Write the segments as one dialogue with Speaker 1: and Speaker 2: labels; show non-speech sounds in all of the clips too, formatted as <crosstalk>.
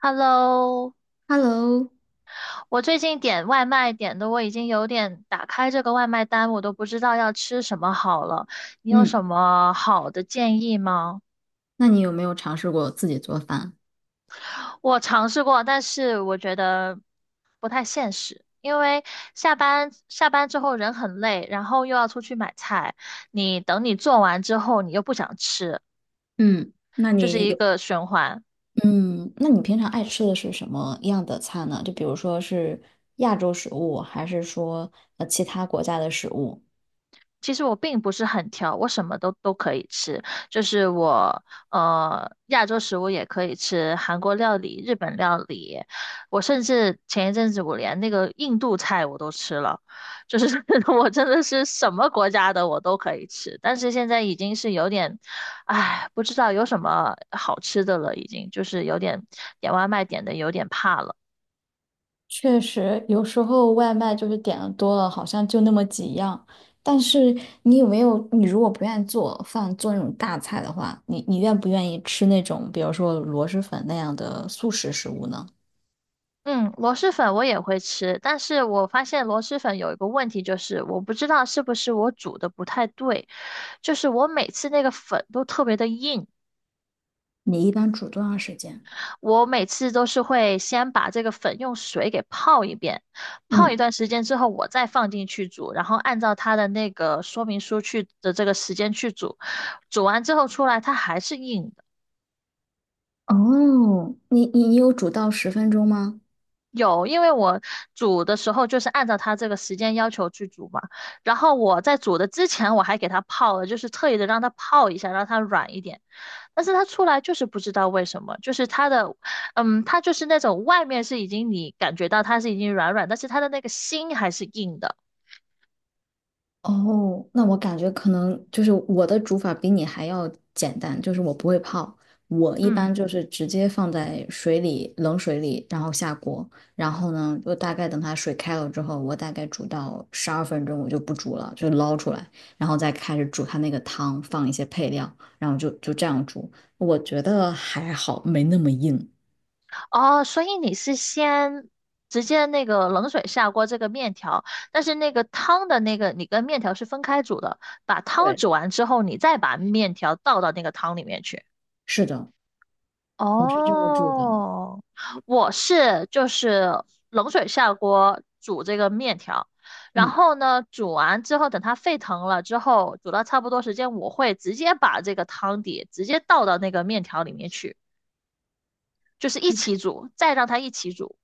Speaker 1: Hello，
Speaker 2: Hello，
Speaker 1: 我最近点外卖点的，我已经有点打开这个外卖单，我都不知道要吃什么好了。你有什
Speaker 2: 嗯，
Speaker 1: 么好的建议吗？
Speaker 2: 那你有没有尝试过自己做饭？
Speaker 1: 我尝试过，但是我觉得不太现实，因为下班之后人很累，然后又要出去买菜，你等你做完之后，你又不想吃，
Speaker 2: 嗯，那
Speaker 1: 就是
Speaker 2: 你
Speaker 1: 一
Speaker 2: 有，
Speaker 1: 个循环。
Speaker 2: 嗯，那你平常爱吃的是什么样的菜呢？就比如说是亚洲食物，还是说其他国家的食物？
Speaker 1: 其实我并不是很挑，我什么都可以吃，就是我亚洲食物也可以吃，韩国料理、日本料理，我甚至前一阵子我连那个印度菜我都吃了，就是 <laughs> 我真的是什么国家的我都可以吃，但是现在已经是有点，唉，不知道有什么好吃的了，已经就是有点点外卖点的有点怕了。
Speaker 2: 确实有时候外卖就是点的多了，好像就那么几样。但是你有没有，你如果不愿意做饭，做那种大菜的话，你愿不愿意吃那种，比如说螺蛳粉那样的速食食物呢？
Speaker 1: 嗯，螺蛳粉我也会吃，但是我发现螺蛳粉有一个问题，就是我不知道是不是我煮的不太对，就是我每次那个粉都特别的硬，
Speaker 2: 你一般煮多长时间？
Speaker 1: 我每次都是会先把这个粉用水给泡一遍，泡一
Speaker 2: 嗯。
Speaker 1: 段时间之后我再放进去煮，然后按照它的那个说明书去的这个时间去煮，煮完之后出来它还是硬。
Speaker 2: 哦，你有煮到10分钟吗？
Speaker 1: 有，因为我煮的时候就是按照它这个时间要求去煮嘛。然后我在煮的之前，我还给它泡了，就是特意的让它泡一下，让它软一点。但是它出来就是不知道为什么，就是它的，嗯，它就是那种外面是已经你感觉到它是已经软软，但是它的那个心还是硬的。
Speaker 2: 哦，那我感觉可能就是我的煮法比你还要简单，就是我不会泡，我一
Speaker 1: 嗯。
Speaker 2: 般就是直接放在水里，冷水里，然后下锅，然后呢，就大概等它水开了之后，我大概煮到12分钟，我就不煮了，就捞出来，然后再开始煮它那个汤，放一些配料，然后就这样煮，我觉得还好，没那么硬。
Speaker 1: 哦，所以你是先直接那个冷水下锅这个面条，但是那个汤的那个你跟面条是分开煮的，把汤
Speaker 2: 对，
Speaker 1: 煮完之后，你再把面条倒到那个汤里面去。
Speaker 2: 是的，我是这么煮的。
Speaker 1: 哦，我是就是冷水下锅煮这个面条，然
Speaker 2: 嗯。
Speaker 1: 后呢，煮完之后等它沸腾了之后，煮到差不多时间，我会直接把这个汤底直接倒到那个面条里面去。就是一起煮，再让它一起煮，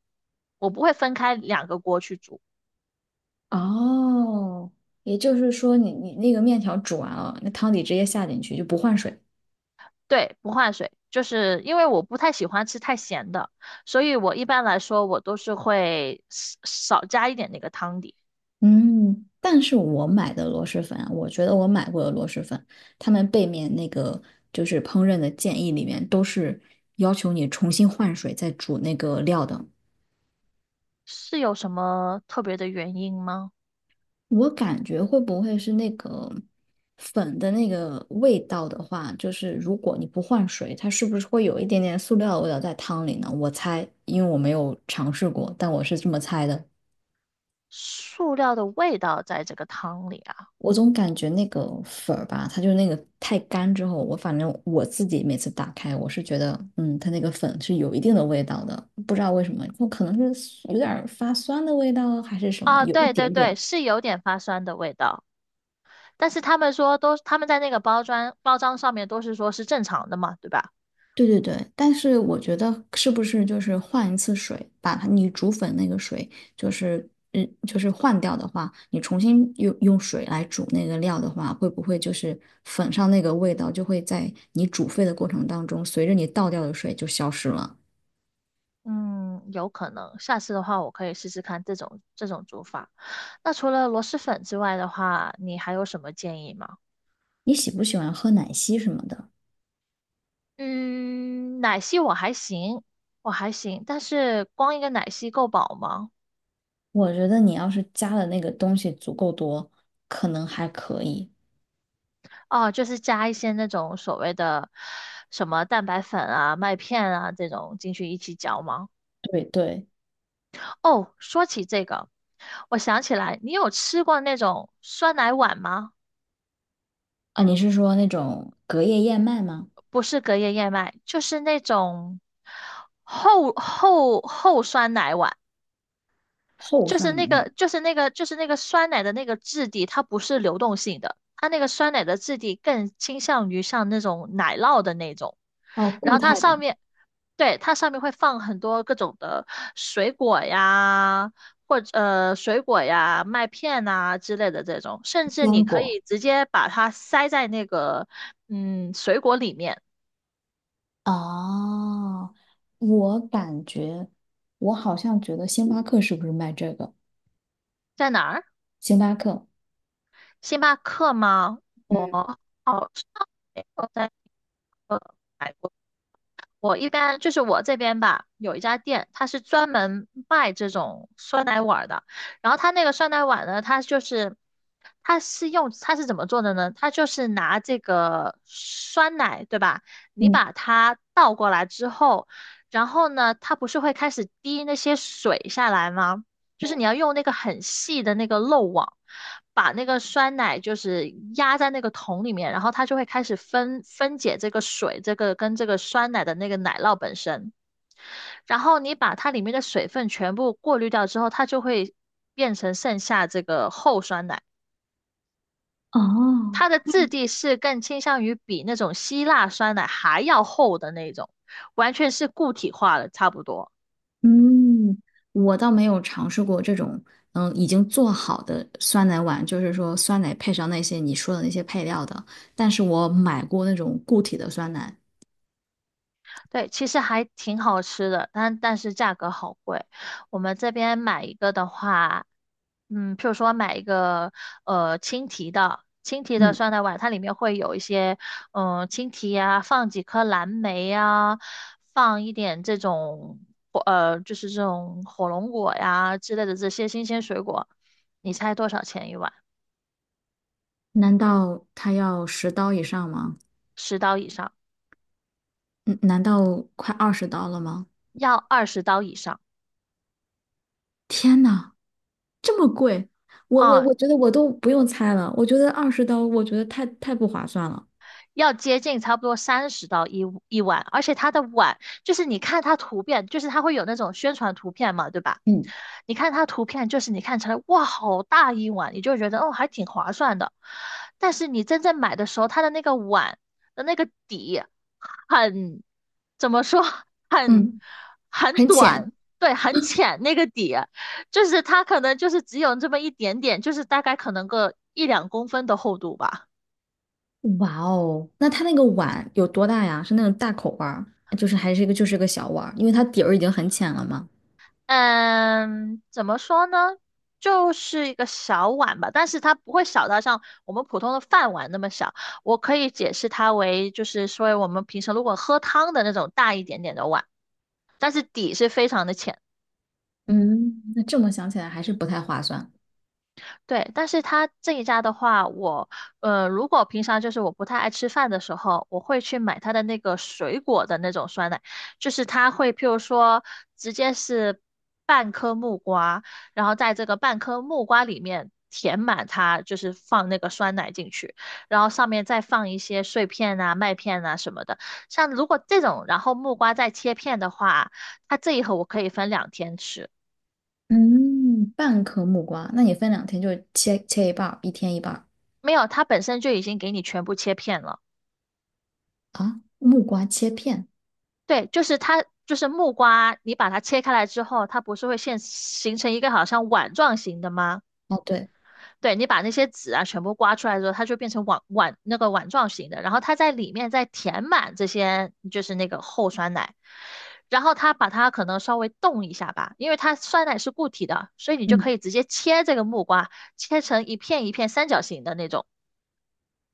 Speaker 1: 我不会分开两个锅去煮。
Speaker 2: 哦，也就是说你那个面条煮完了，那汤底直接下进去就不换水。
Speaker 1: 对，不换水，就是因为我不太喜欢吃太咸的，所以我一般来说我都是会少加一点那个汤底。
Speaker 2: 嗯，但是我买的螺蛳粉啊，我觉得我买过的螺蛳粉，他们背面那个就是烹饪的建议里面都是要求你重新换水再煮那个料的。
Speaker 1: 是有什么特别的原因吗？
Speaker 2: 我感觉会不会是那个粉的那个味道的话，就是如果你不换水，它是不是会有一点点塑料的味道在汤里呢？我猜，因为我没有尝试过，但我是这么猜的。
Speaker 1: 塑料的味道在这个汤里啊？
Speaker 2: 我总感觉那个粉儿吧，它就是那个太干之后，我反正我自己每次打开，我是觉得，它那个粉是有一定的味道的，不知道为什么，我可能是有点儿发酸的味道还是什么，
Speaker 1: 啊，
Speaker 2: 有一
Speaker 1: 对对
Speaker 2: 点
Speaker 1: 对，
Speaker 2: 点。
Speaker 1: 是有点发酸的味道，但是他们说都，他们在那个包装上面都是说是正常的嘛，对吧？
Speaker 2: 对对对，但是我觉得是不是就是换一次水，把它你煮粉那个水，就是就是换掉的话，你重新用水来煮那个料的话，会不会就是粉上那个味道就会在你煮沸的过程当中，随着你倒掉的水就消失了？
Speaker 1: 嗯，有可能，下次的话我可以试试看这种煮法。那除了螺蛳粉之外的话，你还有什么建议吗？
Speaker 2: 你喜不喜欢喝奶昔什么的？
Speaker 1: 嗯，奶昔我还行，我还行，但是光一个奶昔够饱吗？
Speaker 2: 我觉得你要是加的那个东西足够多，可能还可以。
Speaker 1: 哦，就是加一些那种所谓的什么蛋白粉啊、麦片啊这种进去一起嚼吗？
Speaker 2: 对对，
Speaker 1: 哦，说起这个，我想起来，你有吃过那种酸奶碗吗？
Speaker 2: 啊，你是说那种隔夜燕麦吗？
Speaker 1: 不是隔夜燕麦，就是那种厚酸奶碗，
Speaker 2: 厚
Speaker 1: 就
Speaker 2: 算
Speaker 1: 是
Speaker 2: 奶
Speaker 1: 那
Speaker 2: 吗？
Speaker 1: 个就是那个就是那个酸奶的那个质地，它不是流动性的，它那个酸奶的质地更倾向于像那种奶酪的那种，
Speaker 2: 哦，
Speaker 1: 然
Speaker 2: 固
Speaker 1: 后它
Speaker 2: 态的
Speaker 1: 上面，对，它上面会放很多各种的水果呀。或者水果呀、麦片呐、之类的这种，甚至你
Speaker 2: 坚
Speaker 1: 可
Speaker 2: 果。
Speaker 1: 以直接把它塞在那个嗯水果里面，
Speaker 2: 哦，我感觉，我好像觉得星巴克是不是卖这个？
Speaker 1: 在哪儿？
Speaker 2: 星巴克，
Speaker 1: 星巴克吗？我
Speaker 2: 嗯
Speaker 1: 好像没有在，呃，我一般就是我这边吧，有一家店，它是专门卖这种酸奶碗儿的。然后它那个酸奶碗呢，它就是它是用它是怎么做的呢？它就是拿这个酸奶，对吧？你
Speaker 2: 嗯，
Speaker 1: 把它倒过来之后，然后呢，它不是会开始滴那些水下来吗？就是你要用那个很细的那个漏网，把那个酸奶就是压在那个桶里面，然后它就会开始分解这个水，这个跟这个酸奶的那个奶酪本身，然后你把它里面的水分全部过滤掉之后，它就会变成剩下这个厚酸奶。
Speaker 2: 哦，
Speaker 1: 它的质地是更倾向于比那种希腊酸奶还要厚的那种，完全是固体化了，差不多。
Speaker 2: 嗯，我倒没有尝试过这种，已经做好的酸奶碗，就是说酸奶配上那些你说的那些配料的。但是我买过那种固体的酸奶，
Speaker 1: 对，其实还挺好吃的，但是价格好贵。我们这边买一个的话，嗯，譬如说买一个青提的，青提的
Speaker 2: 嗯，
Speaker 1: 酸奶碗，它里面会有一些嗯、青提呀、放几颗蓝莓呀、放一点这种就是这种火龙果呀之类的这些新鲜水果。你猜多少钱一碗？
Speaker 2: 难道它要十刀以上吗？
Speaker 1: 十刀以上，
Speaker 2: 嗯，难道快二十刀了吗？
Speaker 1: 要20刀以上。
Speaker 2: 天呐，这么贵！我我
Speaker 1: 啊、
Speaker 2: 我觉得我都不用猜了，我觉得二十刀，我觉得太不划算了。
Speaker 1: 要接近差不多三十到一碗，而且它的碗就是你看它图片，就是它会有那种宣传图片嘛，对吧？
Speaker 2: 嗯，
Speaker 1: 你看它图片，就是你看起来哇，好大一碗，你就觉得哦，还挺划算的。但是你真正买的时候，它的那个碗的那个底很，怎么说，<laughs> 很
Speaker 2: 嗯，
Speaker 1: 很
Speaker 2: 很
Speaker 1: 短，
Speaker 2: 浅。
Speaker 1: 对，很浅那个底，就是它可能就是只有这么一点点，就是大概可能个一两公分的厚度吧。
Speaker 2: 哇哦，那它那个碗有多大呀？是那种大口碗儿，就是还是一个就是个小碗儿，因为它底儿已经很浅了嘛。
Speaker 1: 嗯，怎么说呢？就是一个小碗吧，但是它不会小到像我们普通的饭碗那么小。我可以解释它为，就是说我们平时如果喝汤的那种大一点点的碗，但是底是非常的浅。
Speaker 2: 嗯，那这么想起来还是不太划算。
Speaker 1: 对，但是它这一家的话，如果平常就是我不太爱吃饭的时候，我会去买它的那个水果的那种酸奶，就是它会譬如说直接是半颗木瓜，然后在这个半颗木瓜里面填满它，就是放那个酸奶进去，然后上面再放一些碎片啊、麦片啊什么的。像如果这种，然后木瓜再切片的话，它这一盒我可以分2天吃，
Speaker 2: 嗯，半颗木瓜，那你分2天就切一半儿，一天一半儿
Speaker 1: 没有，它本身就已经给你全部切片了。
Speaker 2: 啊。木瓜切片，
Speaker 1: 对，就是它，就是木瓜，你把它切开来之后，它不是会现形成一个好像碗状型的吗？
Speaker 2: 哦对，
Speaker 1: 对，你把那些籽啊全部刮出来之后，它就变成碗那个碗状型的，然后它在里面再填满这些，就是那个厚酸奶，然后它把它可能稍微冻一下吧，因为它酸奶是固体的，所以你就可
Speaker 2: 嗯，
Speaker 1: 以直接切这个木瓜，切成一片一片三角形的那种。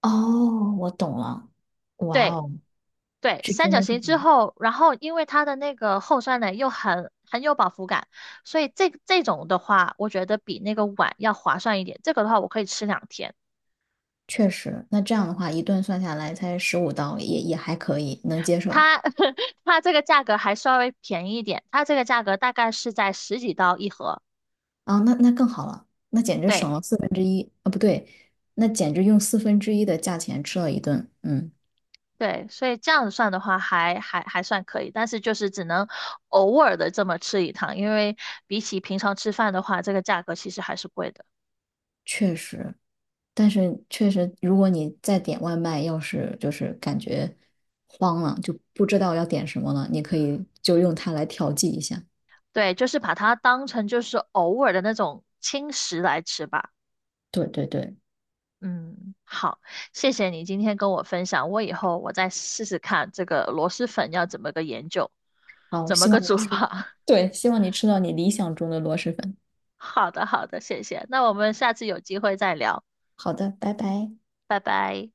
Speaker 2: 哦，我懂了。哇
Speaker 1: 对，
Speaker 2: 哦，
Speaker 1: 对，
Speaker 2: 是
Speaker 1: 三
Speaker 2: 真
Speaker 1: 角
Speaker 2: 的是
Speaker 1: 形
Speaker 2: 这
Speaker 1: 之
Speaker 2: 样
Speaker 1: 后，然后因为它的那个厚酸奶又很有饱腹感，所以这这种的话，我觉得比那个碗要划算一点。这个的话，我可以吃2天。
Speaker 2: 确实，那这样的话一顿算下来才15刀，也还可以，能接受。
Speaker 1: 它 <laughs> 它这个价格还稍微便宜一点，它这个价格大概是在十几刀一盒。
Speaker 2: 啊，那更好了，那简直
Speaker 1: 对
Speaker 2: 省了四分之一啊，不对，那简直用四分之一的价钱吃了一顿，嗯，
Speaker 1: 对，所以这样子算的话还，还算可以，但是就是只能偶尔的这么吃一趟，因为比起平常吃饭的话，这个价格其实还是贵的。
Speaker 2: 确实，但是确实，如果你再点外卖，要是就是感觉慌了，就不知道要点什么了，你可以就用它来调剂一下。
Speaker 1: 对，就是把它当成就是偶尔的那种轻食来吃吧。
Speaker 2: 对对对，
Speaker 1: 嗯，好，谢谢你今天跟我分享，我以后我再试试看这个螺蛳粉要怎么个研究，
Speaker 2: 好，
Speaker 1: 怎么
Speaker 2: 希
Speaker 1: 个
Speaker 2: 望你
Speaker 1: 煮
Speaker 2: 吃，
Speaker 1: 法。
Speaker 2: 对，希望你吃到你理想中的螺蛳粉。
Speaker 1: <laughs> 好的，好的，谢谢。那我们下次有机会再聊，
Speaker 2: 好的，拜拜。
Speaker 1: 拜拜。